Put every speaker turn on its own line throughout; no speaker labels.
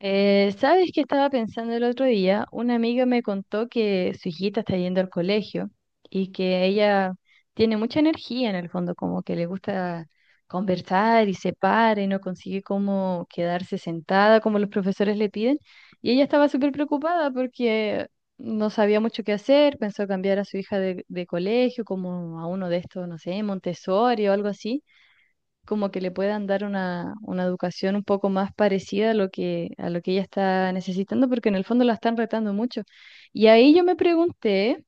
¿Sabes qué estaba pensando el otro día? Una amiga me contó que su hijita está yendo al colegio y que ella tiene mucha energía en el fondo, como que le gusta conversar y se para y no consigue como quedarse sentada como los profesores le piden. Y ella estaba súper preocupada porque no sabía mucho qué hacer, pensó cambiar a su hija de colegio como a uno de estos, no sé, Montessori o algo así. Como que le puedan dar una educación un poco más parecida a lo que ella está necesitando, porque en el fondo la están retando mucho. Y ahí yo me pregunté,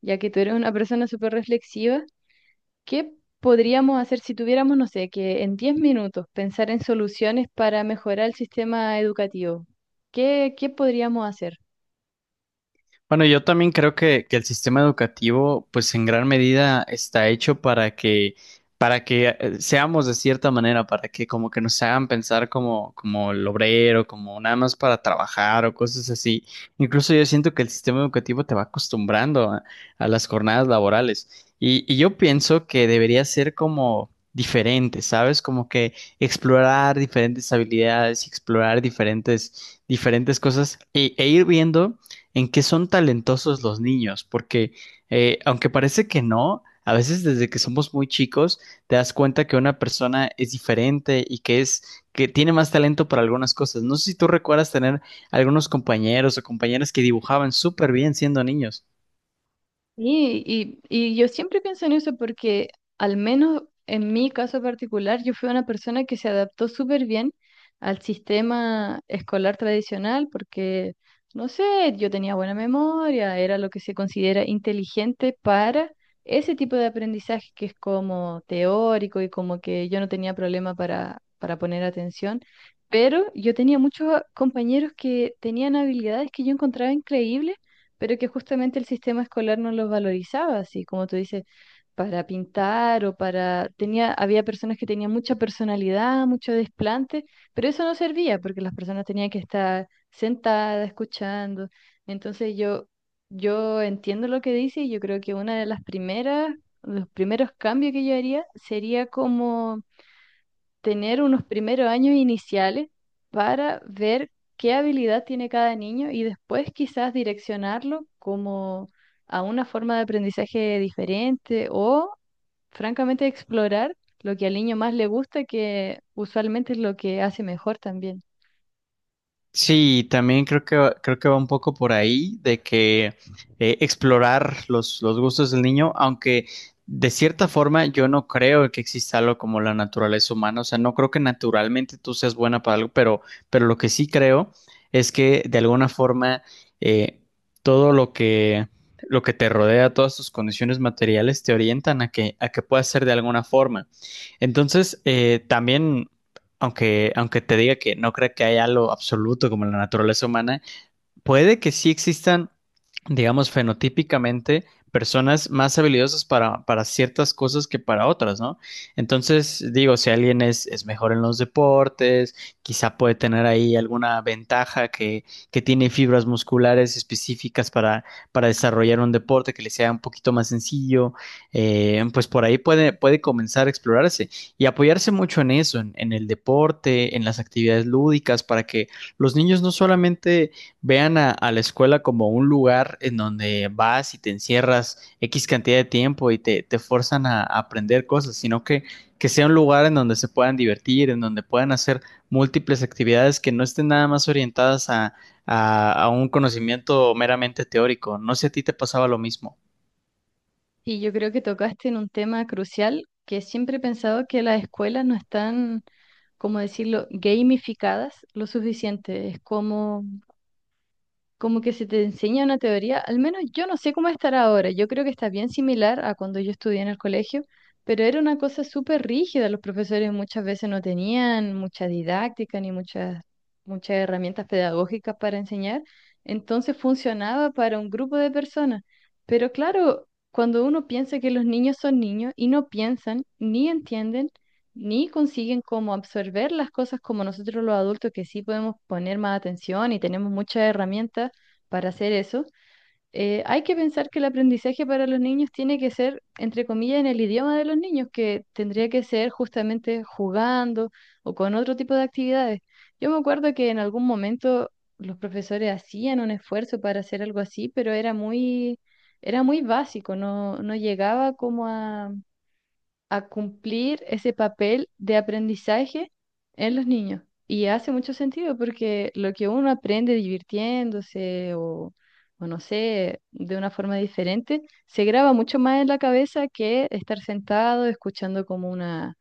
ya que tú eres una persona súper reflexiva, ¿qué podríamos hacer si tuviéramos, no sé, que en 10 minutos pensar en soluciones para mejorar el sistema educativo? ¿Qué podríamos hacer?
Bueno, yo también creo que el sistema educativo, pues en gran medida está hecho para que seamos de cierta manera, para que como que nos hagan pensar como el obrero, como nada más para trabajar o cosas así. Incluso yo siento que el sistema educativo te va acostumbrando a las jornadas laborales. Y yo pienso que debería ser como diferente, ¿sabes? Como que explorar diferentes habilidades, explorar diferentes cosas y ir viendo en qué son talentosos los niños, porque aunque parece que no, a veces desde que somos muy chicos te das cuenta que una persona es diferente y que tiene más talento para algunas cosas. No sé si tú recuerdas tener algunos compañeros o compañeras que dibujaban súper bien siendo niños.
Sí, y yo siempre pienso en eso porque al menos en mi caso particular yo fui una persona que se adaptó súper bien al sistema escolar tradicional porque, no sé, yo tenía buena memoria, era lo que se considera inteligente para ese tipo de aprendizaje que es como teórico y como que yo no tenía problema para poner atención, pero yo tenía muchos compañeros que tenían habilidades que yo encontraba increíbles pero que justamente el sistema escolar no los valorizaba, así como tú dices, para pintar o para. Había personas que tenían mucha personalidad, mucho desplante, pero eso no servía porque las personas tenían que estar sentadas, escuchando. Entonces yo entiendo lo que dice y yo creo que una de las primeras, los primeros cambios que yo haría sería como tener unos primeros años iniciales para ver qué habilidad tiene cada niño y después quizás direccionarlo como a una forma de aprendizaje diferente o francamente explorar lo que al niño más le gusta, que usualmente es lo que hace mejor también.
Sí, también creo que creo que va un poco por ahí de que explorar los gustos del niño, aunque de cierta forma yo no creo que exista algo como la naturaleza humana, o sea, no creo que naturalmente tú seas buena para algo, pero lo que sí creo es que de alguna forma eh, todo lo que te rodea, todas tus condiciones materiales te orientan a que puedas ser de alguna forma. Entonces, también aunque te diga que no creo que haya algo absoluto como la naturaleza humana, puede que sí existan, digamos, fenotípicamente personas más habilidosas para ciertas cosas que para otras, ¿no? Entonces, digo, si alguien es mejor en los deportes, quizá puede tener ahí alguna ventaja que tiene fibras musculares específicas para desarrollar un deporte que le sea un poquito más sencillo, pues por ahí puede comenzar a explorarse y apoyarse mucho en eso, en el deporte, en las actividades lúdicas, para que los niños no solamente vean a la escuela como un lugar en donde vas y te encierras X cantidad de tiempo y te forzan a aprender cosas, sino que sea un lugar en donde se puedan divertir, en donde puedan hacer múltiples actividades que no estén nada más orientadas a un conocimiento meramente teórico. No sé si a ti te pasaba lo mismo.
Y yo creo que tocaste en un tema crucial que siempre he pensado que las escuelas no están, como decirlo, gamificadas lo suficiente. Es como que se te enseña una teoría, al menos yo no sé cómo estará ahora, yo creo que está bien similar a cuando yo estudié en el colegio, pero era una cosa súper rígida, los profesores muchas veces no tenían mucha didáctica ni muchas herramientas pedagógicas para enseñar, entonces funcionaba para un grupo de personas, pero claro, cuando uno piensa que los niños son niños y no piensan ni entienden, ni consiguen como absorber las cosas como nosotros los adultos que sí podemos poner más atención y tenemos muchas herramientas para hacer eso, hay que pensar que el aprendizaje para los niños tiene que ser, entre comillas, en el idioma de los niños, que tendría que ser justamente jugando o con otro tipo de actividades. Yo me acuerdo que en algún momento los profesores hacían un esfuerzo para hacer algo así, pero era muy básico, no, no llegaba como a cumplir ese papel de aprendizaje en los niños. Y hace mucho sentido porque lo que uno aprende divirtiéndose o no sé, de una forma diferente, se graba mucho más en la cabeza que estar sentado escuchando como una,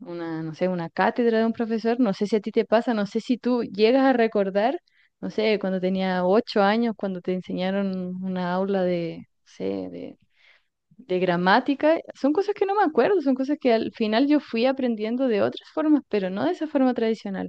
una, no sé, una cátedra de un profesor. No sé si a ti te pasa, no sé si tú llegas a recordar, no sé, cuando tenía 8 años, cuando te enseñaron una aula de, no sé, de de gramática, son cosas que no me acuerdo, son cosas que al final yo fui aprendiendo de otras formas, pero no de esa forma tradicional.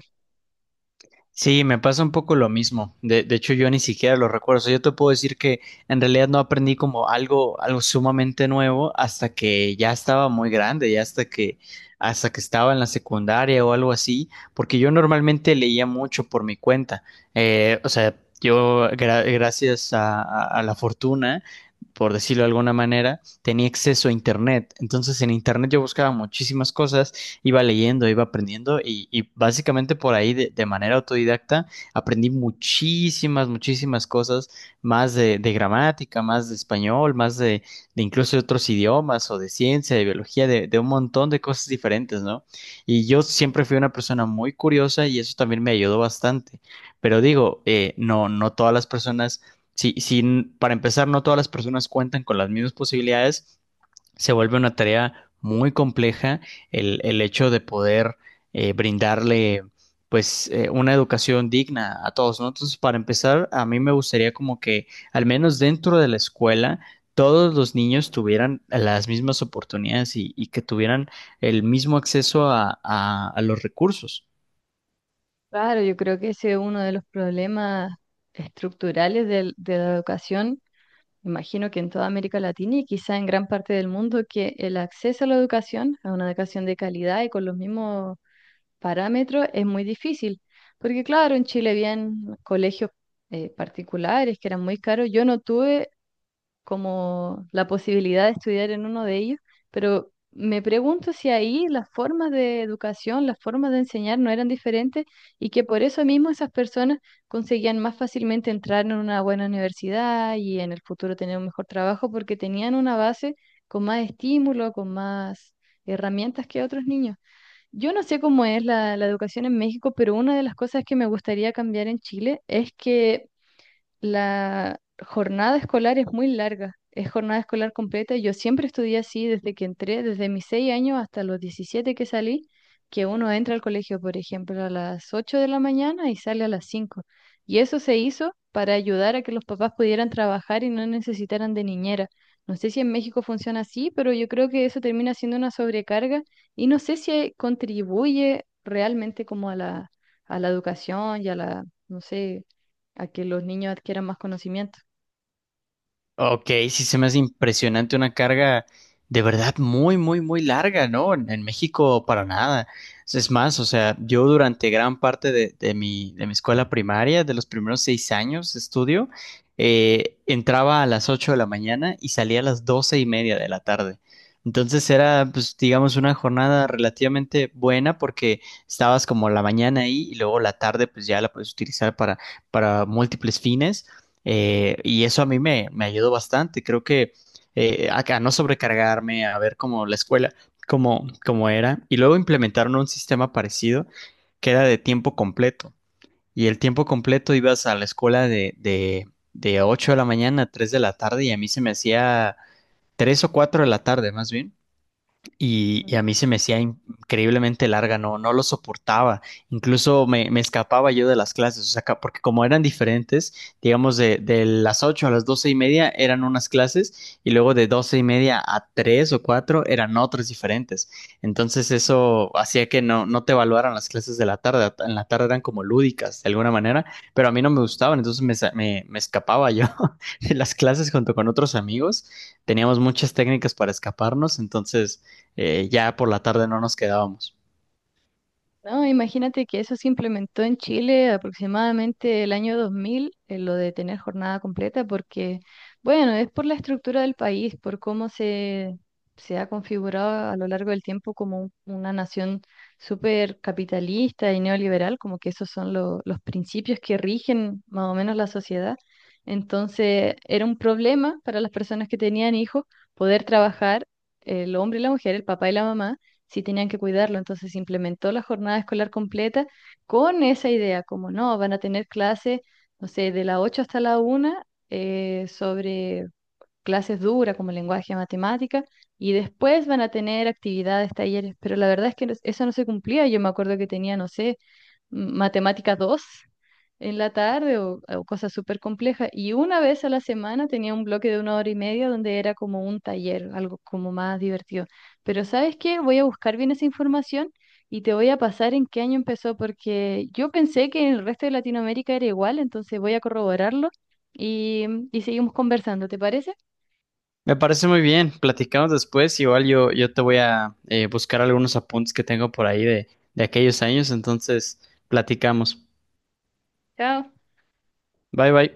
Sí, me pasa un poco lo mismo. De hecho, yo ni siquiera lo recuerdo. O sea, yo te puedo decir que en realidad no aprendí como algo sumamente nuevo hasta que ya estaba muy grande, ya hasta hasta que estaba en la secundaria o algo así, porque yo normalmente leía mucho por mi cuenta. O sea, yo, gracias a la fortuna, por decirlo de alguna manera, tenía acceso a Internet. Entonces, en Internet yo buscaba muchísimas cosas iba leyendo, iba aprendiendo y básicamente por ahí de manera autodidacta aprendí muchísimas, muchísimas cosas más de gramática, más de español, más de incluso de otros idiomas o de ciencia, de biología, de un montón de cosas diferentes, ¿no? Y yo siempre fui una persona muy curiosa y eso también me ayudó bastante. Pero digo, no, no todas las personas, si, si, para empezar, no todas las personas cuentan con las mismas posibilidades se vuelve una tarea muy compleja el hecho de poder brindarle pues una educación digna a todos, ¿no? Entonces, para empezar, a mí me gustaría como que al menos dentro de la escuela todos los niños tuvieran las mismas oportunidades y que tuvieran el mismo acceso a los recursos.
Claro, yo creo que ese es uno de los problemas estructurales de la educación, imagino que en toda América Latina y quizá en gran parte del mundo, que el acceso a la educación, a una educación de calidad y con los mismos parámetros, es muy difícil. Porque claro, en Chile habían colegios particulares que eran muy caros. Yo no tuve como la posibilidad de estudiar en uno de ellos, pero me pregunto si ahí las formas de educación, las formas de enseñar no eran diferentes y que por eso mismo esas personas conseguían más fácilmente entrar en una buena universidad y en el futuro tener un mejor trabajo porque tenían una base con más estímulo, con más herramientas que otros niños. Yo no sé cómo es la educación en México, pero una de las cosas que me gustaría cambiar en Chile es que la jornada escolar es muy larga, es jornada escolar completa. Yo siempre estudié así desde que entré, desde mis 6 años hasta los 17 que salí, que uno entra al colegio, por ejemplo, a las 8 de la mañana y sale a las 5. Y eso se hizo para ayudar a que los papás pudieran trabajar y no necesitaran de niñera. No sé si en México funciona así, pero yo creo que eso termina siendo una sobrecarga y no sé si contribuye realmente como a la educación y a la, no sé, a que los niños adquieran más conocimiento.
Ok, sí se me hace impresionante una carga de verdad muy, muy, muy larga, ¿no? En México para nada. Es más, o sea, yo durante gran parte de mi escuela primaria, de los primeros 6 años de estudio, entraba a las 8 de la mañana y salía a las 12:30 de la tarde. Entonces era, pues, digamos, una jornada relativamente buena porque estabas como la mañana ahí y luego la tarde, pues ya la puedes utilizar para múltiples fines. Y eso a mí me ayudó bastante. Creo que acá no sobrecargarme, a ver cómo la cómo, cómo era. Y luego implementaron un sistema parecido que era de tiempo completo. Y el tiempo completo ibas a la escuela de 8 de la mañana a 3 de la tarde y a mí se me hacía 3 o 4 de la tarde más bien y
Ujú.
a mí se me hacía increíblemente larga, no, no lo soportaba. Incluso me escapaba yo de las clases, o sea, porque como eran diferentes, digamos de las 8 a las 12:30 eran unas clases y luego de 12:30 a 3 o 4 eran otras diferentes. Entonces eso hacía que no, no te evaluaran las clases de la tarde, en la tarde eran como lúdicas de alguna manera, pero a mí no me gustaban, entonces me escapaba yo de las clases junto con otros amigos. Teníamos muchas técnicas para escaparnos, entonces ya por la tarde no nos quedábamos.
No, imagínate que eso se implementó en Chile aproximadamente el año 2000, lo de tener jornada completa, porque, bueno, es por la estructura del país, por cómo se ha configurado a lo largo del tiempo como una nación súper capitalista y neoliberal, como que esos son los principios que rigen más o menos la sociedad. Entonces, era un problema para las personas que tenían hijos poder trabajar el hombre y la mujer, el papá y la mamá sí tenían que cuidarlo. Entonces se implementó la jornada escolar completa con esa idea, como no, van a tener clases, no sé, de las 8 hasta la 1, sobre clases duras como lenguaje, matemática, y después van a tener actividades, talleres. Pero la verdad es que no, eso no se cumplía. Yo me acuerdo que tenía, no sé, matemática 2 en la tarde o cosas súper complejas. Y una vez a la semana tenía un bloque de una hora y media donde era como un taller, algo como más divertido. Pero ¿sabes qué? Voy a buscar bien esa información y te voy a pasar en qué año empezó, porque yo pensé que en el resto de Latinoamérica era igual, entonces voy a corroborarlo y, y seguimos conversando, ¿te parece?
Me parece muy bien, platicamos después, igual yo te voy a buscar algunos apuntes que tengo por ahí de aquellos años, entonces platicamos.
Chao.
Bye bye.